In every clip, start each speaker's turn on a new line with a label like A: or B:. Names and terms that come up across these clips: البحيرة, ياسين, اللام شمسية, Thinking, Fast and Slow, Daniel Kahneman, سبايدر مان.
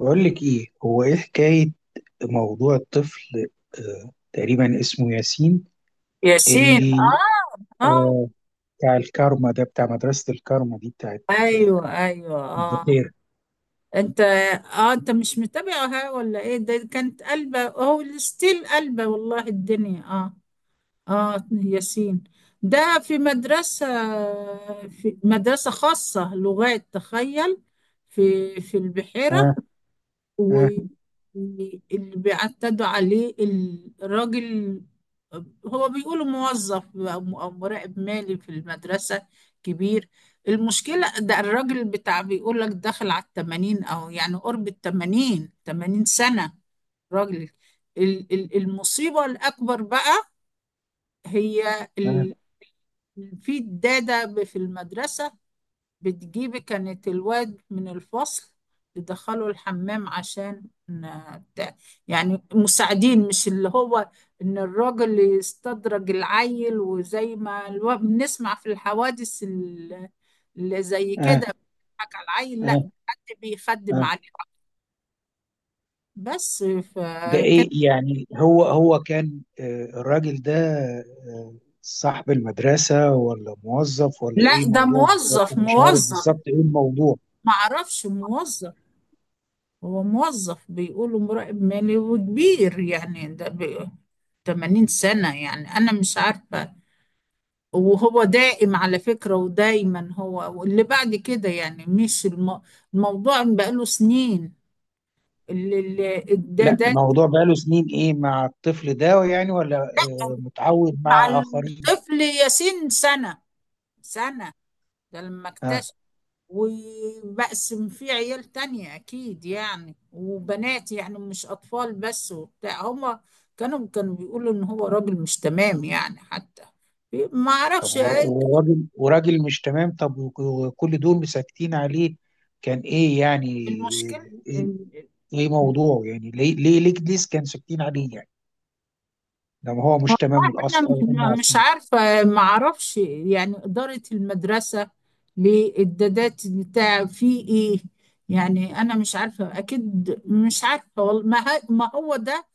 A: بقول لك ايه، هو ايه حكاية موضوع الطفل؟ تقريبا اسمه ياسين،
B: ياسين.
A: اللي
B: اه اه،
A: آه بتاع الكارما ده، بتاع مدرسة الكارما دي بتاعت آه،
B: ايوه ايوه اه.
A: البحيرة.
B: انت مش متابعها ولا ايه؟ ده كانت قلبة، هو ستيل قلبة والله الدنيا. اه اه ياسين ده في مدرسة خاصة لغات، تخيل، في البحيرة،
A: آه. آه.
B: واللي بيعتدوا عليه الراجل هو بيقولوا موظف أو مراقب مالي في المدرسة كبير. المشكلة ده الراجل بتاع، بيقول لك داخل على التمانين، أو يعني قرب التمانين، تمانين سنة، راجل. المصيبة الأكبر بقى هي
A: آه.
B: في الدادة في المدرسة، بتجيب كانت الواد من الفصل تدخله الحمام عشان بتاع، يعني مساعدين، مش اللي هو، ان الراجل يستدرج العيل، وزي ما بنسمع في الحوادث اللي زي
A: آه.
B: كده، بيضحك على العيل. لا، ده
A: آه.
B: حد بيخدم
A: آه.
B: عليه بس.
A: ده
B: فكان،
A: ايه يعني، هو كان الراجل ده آه صاحب المدرسة ولا موظف ولا
B: لا
A: ايه
B: ده
A: موضوع بالظبط؟
B: موظف
A: أنا مش عارف
B: موظف،
A: بالظبط ايه الموضوع.
B: معرفش، موظف. هو موظف بيقولوا مراقب مالي وكبير يعني، ده 80 سنة يعني، أنا مش عارفة. وهو دائم على فكرة، ودايما هو، واللي بعد كده يعني مش الموضوع بقاله سنين. ده
A: لا،
B: ده
A: موضوع بقاله سنين ايه مع الطفل ده يعني، ولا متعود
B: مع
A: مع آخرين؟
B: الطفل ياسين سنة، سنة ده لما
A: ها.
B: اكتشف. وبقسم فيه عيال تانية أكيد يعني، وبنات يعني، مش أطفال بس وبتاع. هما كانوا بيقولوا إن هو راجل مش تمام يعني، حتى ما
A: طب
B: أعرفش إيه
A: وراجل مش تمام، طب وكل دول ساكتين عليه، كان ايه يعني؟
B: المشكلة.
A: ايه
B: إن-
A: إيه موضوعه يعني، ليه ليه ليه ليه كان ساكتين عليه يعني، لما هو
B: هو،
A: مش تمام من
B: أنا
A: الاصل او هم
B: مش
A: عارفين؟
B: عارفة، ما أعرفش يعني إدارة المدرسة للدادات بتاع في إيه، يعني أنا مش عارفة أكيد، مش عارفة والله. ما ما هو ده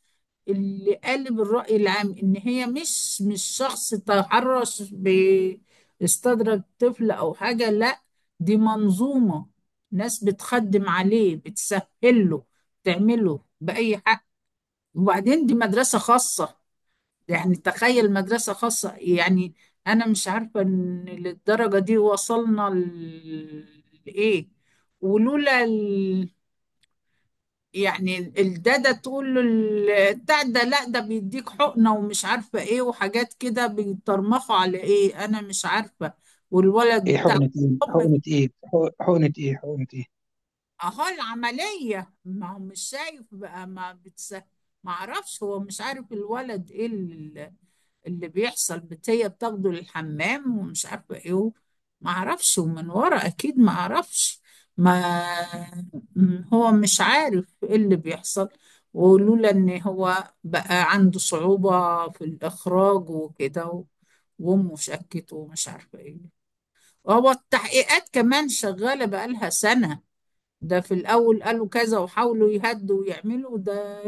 B: اللي قالب الرأي العام، إن هي مش شخص تحرش باستدرج طفل أو حاجة، لا دي منظومة، ناس بتخدم عليه، بتسهل له، تعمله بأي حق. وبعدين دي مدرسة خاصة، يعني تخيل مدرسة خاصة يعني، أنا مش عارفة إن للدرجة دي وصلنا لإيه. ولولا يعني ده تقول له بتاع، ده لا ده بيديك حقنة ومش عارفة ايه، وحاجات كده بيترمخوا على ايه، انا مش عارفة. والولد
A: ايه
B: بتاع،
A: حقنة، ايه حقنة، ايه حقنة، ايه حقنة، ايه؟
B: اهو العملية، ما هو مش شايف بقى، ما ما اعرفش، هو مش عارف الولد ايه اللي بيحصل. هي بتاخده للحمام ومش عارفة ايه ما اعرفش، ومن ورا اكيد ما اعرفش. ما، هو مش عارف ايه اللي بيحصل. ولولا ان هو بقى عنده صعوبة في الاخراج وكده وامه شكته ومش عارفة ايه. هو التحقيقات كمان شغالة بقالها سنة. ده في الأول قالوا كذا وحاولوا يهدوا ويعملوا ده،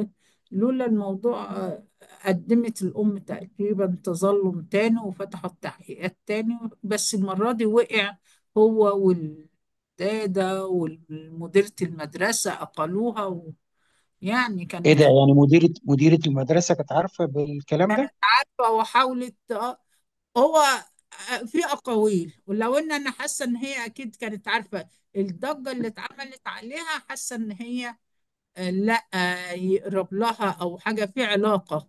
B: لولا الموضوع. قدمت الأم تقريبا تظلم تاني وفتحت تحقيقات تاني، بس المرة دي وقع هو والدادة ومديرة المدرسة، أقلوها و... يعني
A: ايه ده
B: كانت
A: يعني، مديرة المدرسة كانت عارفة بالكلام ده؟
B: فتوى، وحاولت. آه، هو آه، في أقاويل، ولو إن أنا حاسة إن هي أكيد كانت عارفة. الضجة اللي اتعملت عليها، حاسة إن هي، لا، يقرب لها او حاجه في علاقه،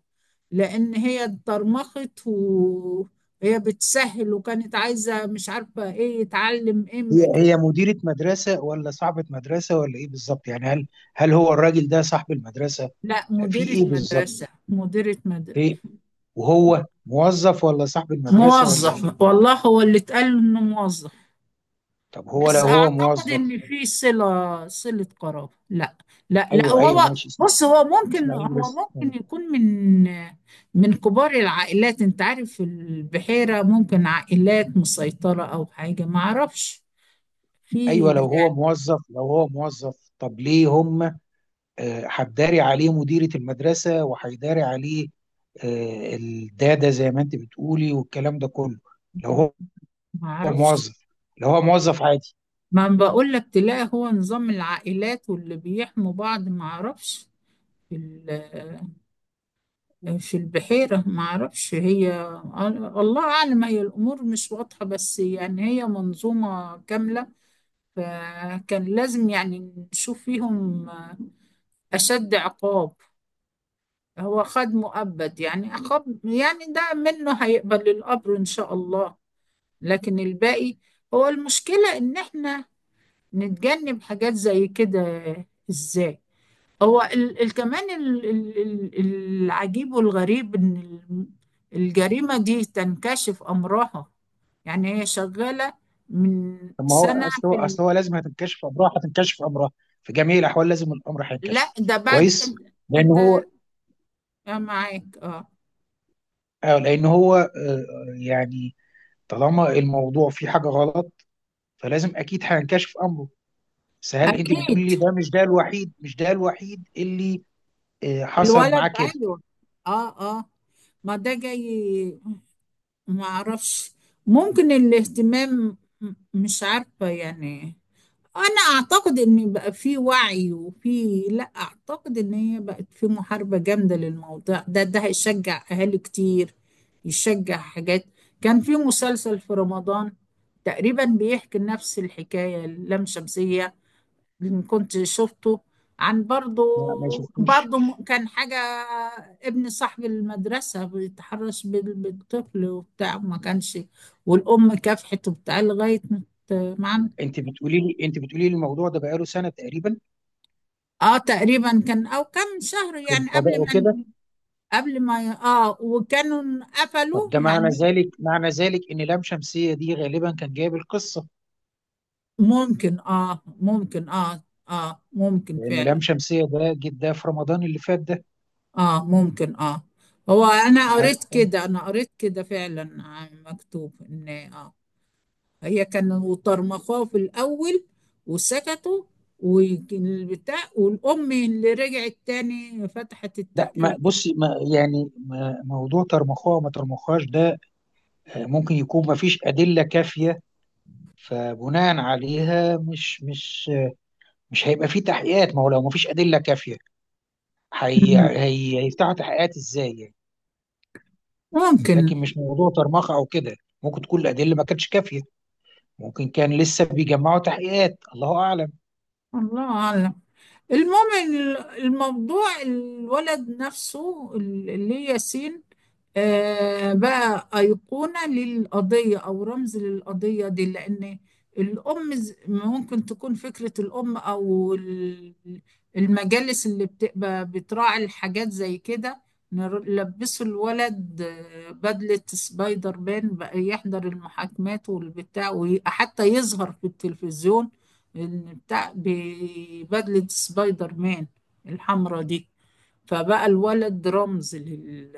B: لان هي اتضرمخت وهي بتسهل، وكانت عايزه مش عارفه ايه، يتعلم ايه
A: هي مديرة مدرسة ولا صاحبة مدرسة ولا ايه بالظبط يعني؟ هل هو الراجل ده صاحب المدرسة،
B: لا،
A: في
B: مديره
A: ايه بالظبط؟
B: مدرسه، مديره مدرسه.
A: إيه؟ وهو موظف ولا صاحب المدرسة ولا إيه؟
B: موظف والله، هو اللي اتقال له انه موظف،
A: طب لو
B: بس
A: هو
B: اعتقد
A: موظف.
B: ان في صله قرابه. لا، لا لا،
A: أيوه،
B: وهو
A: أيوه، ماشي.
B: بص، هو ممكن
A: اسماعيل
B: هو
A: بس
B: ممكن
A: يعني.
B: يكون من، من كبار العائلات. انت عارف البحيره ممكن عائلات مسيطره او حاجه، ما اعرفش في
A: أيوه،
B: يعني.
A: لو هو موظف، طب ليه هم هتداري عليه مديرة المدرسة، وهيداري عليه الدادة زي ما أنت بتقولي والكلام ده كله؟ لو هو
B: ما اعرفش،
A: موظف، لو هو موظف عادي.
B: ما أنا بقول لك تلاقي هو نظام العائلات، واللي بيحموا بعض، ما اعرفش في البحيرة، ما أعرفش هي، الله أعلم، هي الأمور مش واضحة، بس يعني هي منظومة كاملة. فكان لازم يعني نشوف فيهم أشد عقاب. هو خد مؤبد، يعني عقاب يعني ده، منه هيقبل الأمر إن شاء الله. لكن الباقي، هو المشكلة إن إحنا نتجنب حاجات زي كده إزاي. هو ال ال كمان ال- العجيب والغريب ان ال- الجريمة دي تنكشف امرها، يعني هي شغالة من
A: طب ما هو
B: سنة في
A: أصل هو لازم هتنكشف أمرها، هتنكشف أمرها في جميع الأحوال، لازم الأمر
B: لا
A: هينكشف،
B: ده بعد،
A: كويس؟
B: انت،
A: لأن
B: انت
A: هو
B: معاك اه.
A: لأن هو يعني طالما الموضوع فيه حاجة غلط، فلازم أكيد هينكشف أمره. بس هل أنت بتقولي
B: اكيد
A: لي ده مش ده الوحيد اللي حصل
B: الولد،
A: معاه كده؟
B: ايوه، اه اه، ما ده جاي، ما اعرفش، ممكن الاهتمام مش عارفة يعني. انا اعتقد ان بقى في وعي وفي، لا اعتقد ان هي بقت في محاربة جامدة للموضوع ده، ده هيشجع اهالي كتير يشجع حاجات. كان في مسلسل في رمضان تقريبا بيحكي نفس الحكاية، اللام شمسية، اللي كنت شفته عن برضو،
A: ما شفتوش.
B: برضو كان حاجة. ابن صاحب المدرسة بيتحرش بالطفل وبتاع، ما كانش، والأم كافحت وبتاع لغاية ما.
A: أنت بتقولي لي الموضوع ده بقاله سنة تقريبا
B: اه تقريبا كان او كم شهر
A: في
B: يعني
A: القضاء
B: قبل ما
A: وكده.
B: قبل ما اه، وكانوا قفلوا
A: طب ده معنى
B: يعني.
A: ذلك، إن لام شمسية دي غالبا كان جايب القصة،
B: ممكن اه، ممكن اه اه ممكن
A: لأنه لام
B: فعلا.
A: شمسية ده جد، ده في رمضان اللي فات ده.
B: اه ممكن اه. هو انا
A: ه-
B: قريت كده انا قريت كده فعلا، عن مكتوب ان اه هي كانوا طرمخوه في الاول وسكتوا، والبتاع، والام اللي رجعت تاني فتحت
A: لا، ما
B: التحقيق.
A: بصي، ما يعني، ما موضوع ترمخوها ما ترمخهاش ده، ممكن يكون ما فيش أدلة كافية، فبناء عليها مش هيبقى فيه تحقيقات. ما هو لو ما فيش أدلة كافية
B: مم.
A: هي هيفتحوا تحقيقات ازاي يعني؟
B: ممكن.
A: لكن مش موضوع طرمخة او كده، ممكن تكون الأدلة ما كانتش كافية، ممكن كان لسه بيجمعوا تحقيقات، الله أعلم.
B: الله اعلم. المهم الموضوع الولد نفسه، اللي هي ياسين، بقى أيقونة للقضية أو رمز للقضية دي. لأن الأم ممكن تكون فكرة الأم أو المجالس اللي بتبقى بتراعي الحاجات زي كده، لبسوا الولد بدلة سبايدر مان بقى، يحضر المحاكمات والبتاع، وحتى يظهر في التلفزيون، اللي بتاع ببدلة سبايدر مان الحمرا دي، فبقى الولد رمز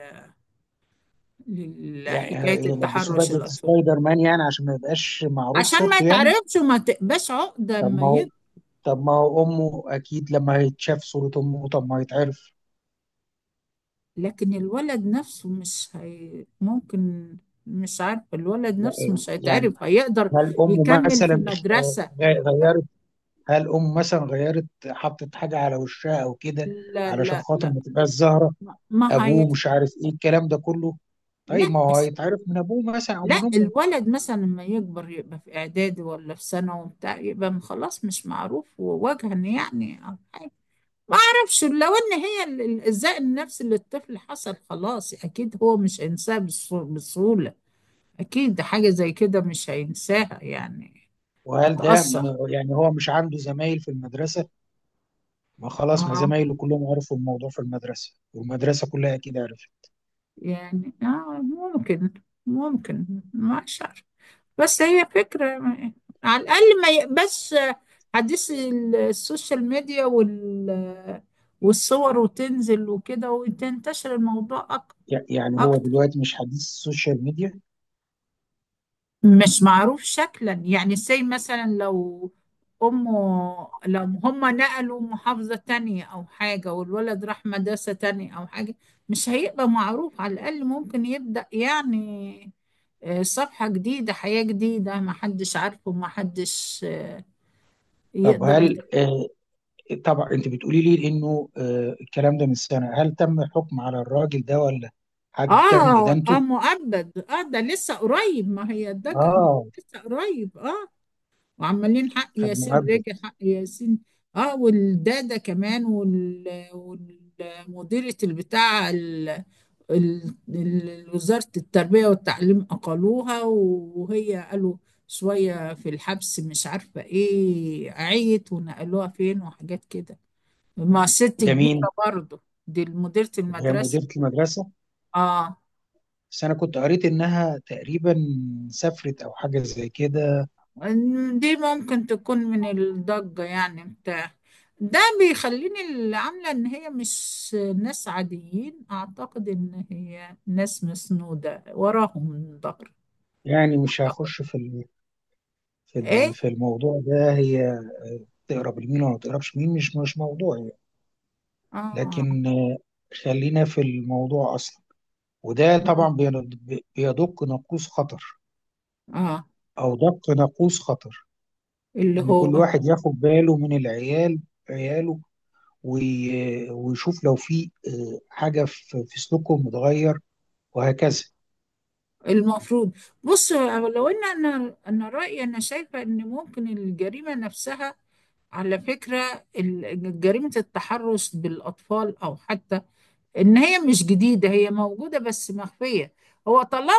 A: يعني
B: لحكاية
A: يلبسوه
B: التحرش
A: بدلة
B: الأطفال.
A: سبايدر مان يعني عشان ما يبقاش معروف
B: عشان ما
A: صورته يعني؟
B: تعرفش وما تقباش عقدة
A: طب
B: اما
A: ما هو
B: يكبر.
A: طب ما هو أمه أكيد لما هيتشاف صورة أمه، طب ما هيتعرف.
B: لكن الولد نفسه مش ممكن، مش عارف، الولد نفسه مش
A: يعني
B: هيتعرف، هيقدر
A: هل أمه
B: يكمل في
A: مثلا
B: مدرسة.
A: غيرت؟ هل أم مثلا غيرت، حطت حاجة على وشها أو كده
B: لا
A: علشان
B: لا
A: خاطر
B: لا
A: ما تبقاش زهرة،
B: ما هي،
A: أبوه مش عارف إيه الكلام ده كله؟ طيب
B: لا،
A: ما هو هيتعرف من أبوه مثلا أو
B: لا
A: من أمه.
B: الولد مثلا لما يكبر يبقى في اعدادي ولا في ثانوي وبتاع، يبقى خلاص مش معروف ووجها يعني او حاجه. ما اعرفش، لو ان هي الايذاء النفسي للطفل حصل، خلاص اكيد هو مش هينساها بسهوله، اكيد حاجه زي كده مش هينساها يعني،
A: وهل ده
B: هتأثر.
A: يعني هو مش عنده زمايل في المدرسة؟ ما خلاص، ما
B: اه
A: زمايله كلهم عرفوا الموضوع في المدرسة، والمدرسة كلها أكيد عرفت.
B: يعني اه ممكن، ممكن. ما شعر، بس هي فكرة، على الأقل ما يقبس حديث السوشيال ميديا، وال والصور وتنزل وكده وتنتشر الموضوع
A: يعني هو
B: أكتر،
A: دلوقتي مش حديث السوشيال ميديا.
B: مش معروف شكلا يعني. زي مثلا لو أمه، لو هما نقلوا محافظة تانية أو حاجة، والولد راح مدرسة تانية أو حاجة، مش هيبقى معروف، على الأقل ممكن يبدأ يعني صفحة جديدة، حياة جديدة، محدش عارفه، محدش
A: طب
B: يقدر.
A: هل طبعا أنت بتقولي لي إنه الكلام ده من سنة، هل تم الحكم على الراجل ده ولا حد تم
B: اه اه
A: إدانته؟
B: مؤبد اه، ده لسه قريب، ما هي ده
A: آه.
B: لسه قريب اه. وعمالين حق
A: خد
B: ياسين،
A: مهبب.
B: رجع حق ياسين. اه، والدادة كمان، وال والمديرة البتاع وزارة التربية والتعليم أقلوها، وهي قالوا شوية في الحبس، مش عارفة ايه، عيت ونقلوها فين وحاجات كده، ما ست
A: ده
B: كبيرة
A: مين،
B: برضه. دي مديرة
A: اللي هي
B: المدرسة.
A: مديرة المدرسة؟
B: اه
A: بس أنا كنت قريت إنها تقريبا سافرت أو حاجة زي كده.
B: دي ممكن تكون من الضجة يعني بتاع، ده بيخليني اللي عاملة ان هي مش ناس عاديين، اعتقد ان هي ناس مسنودة وراهم من ظهر.
A: يعني مش
B: اعتقد.
A: هخش
B: ايه.
A: في الموضوع ده، هي تقرب لمين ولا ما تقربش مين، مش موضوع يعني.
B: اه.
A: لكن خلينا في الموضوع أصلا. وده
B: مم.
A: طبعا بيدق ناقوس خطر،
B: اه.
A: أو دق ناقوس خطر،
B: اللي
A: إن كل
B: هو
A: واحد ياخد باله من العيال، عياله، ويشوف لو في حاجة في سلوكهم متغير، وهكذا.
B: المفروض، بص، لو ان انا، انا رأيي انا شايفة ان ممكن الجريمة نفسها، على فكرة جريمة التحرش بالاطفال، او حتى ان هي مش جديده، هي موجوده بس مخفيه. هو طالما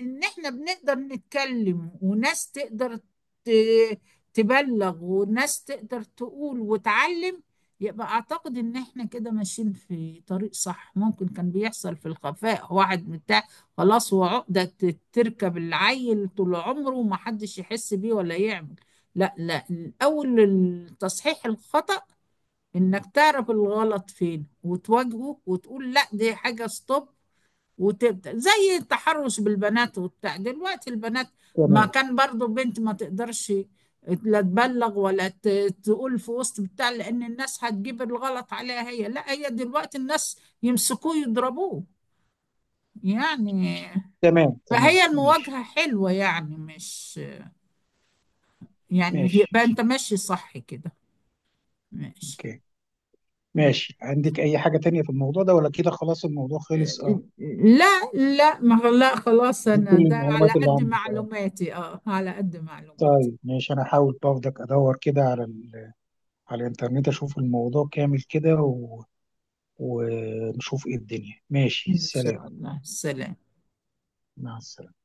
B: ان احنا بنقدر نتكلم، وناس تقدر ت- تبلغ، وناس تقدر تقول وتعلم، يبقى اعتقد ان احنا كده ماشيين في طريق صح. ممكن كان بيحصل في الخفاء، واحد بتاع خلاص، هو عقدة تركب العيل طول عمره، ومحدش يحس بيه ولا يعمل. لا لا، اول التصحيح الخطأ، انك تعرف الغلط فين وتواجهه، وتقول لا دي حاجة، ستوب. وتبدأ، زي التحرش بالبنات وبتاع، دلوقتي البنات ما
A: تمام،
B: كان برضو بنت ما تقدرش لا تبلغ ولا تقول في وسط بتاع، لأن الناس هتجيب الغلط عليها هي، لا، هي دلوقتي الناس يمسكوه يضربوه يعني.
A: تمام، تمام،
B: فهي
A: ماشي،
B: المواجهة حلوة يعني، مش يعني،
A: ماشي،
B: يبقى انت ماشي صح كده، ماشي.
A: اوكي، ماشي. عندك اي حاجة تانية في الموضوع ده ولا كده؟ خلاص الموضوع خلص، اه؟
B: لا لا، ما لا خلاص،
A: دي كل
B: انا ده على
A: المعلومات اللي
B: قد
A: عندك، اه؟
B: معلوماتي، اه على قد معلوماتي.
A: طيب ماشي، انا هحاول برضك ادور كده على على الانترنت، اشوف الموضوع كامل كده ونشوف ايه الدنيا. ماشي،
B: ان
A: سلام.
B: شاء الله، سلام.
A: مع السلامة.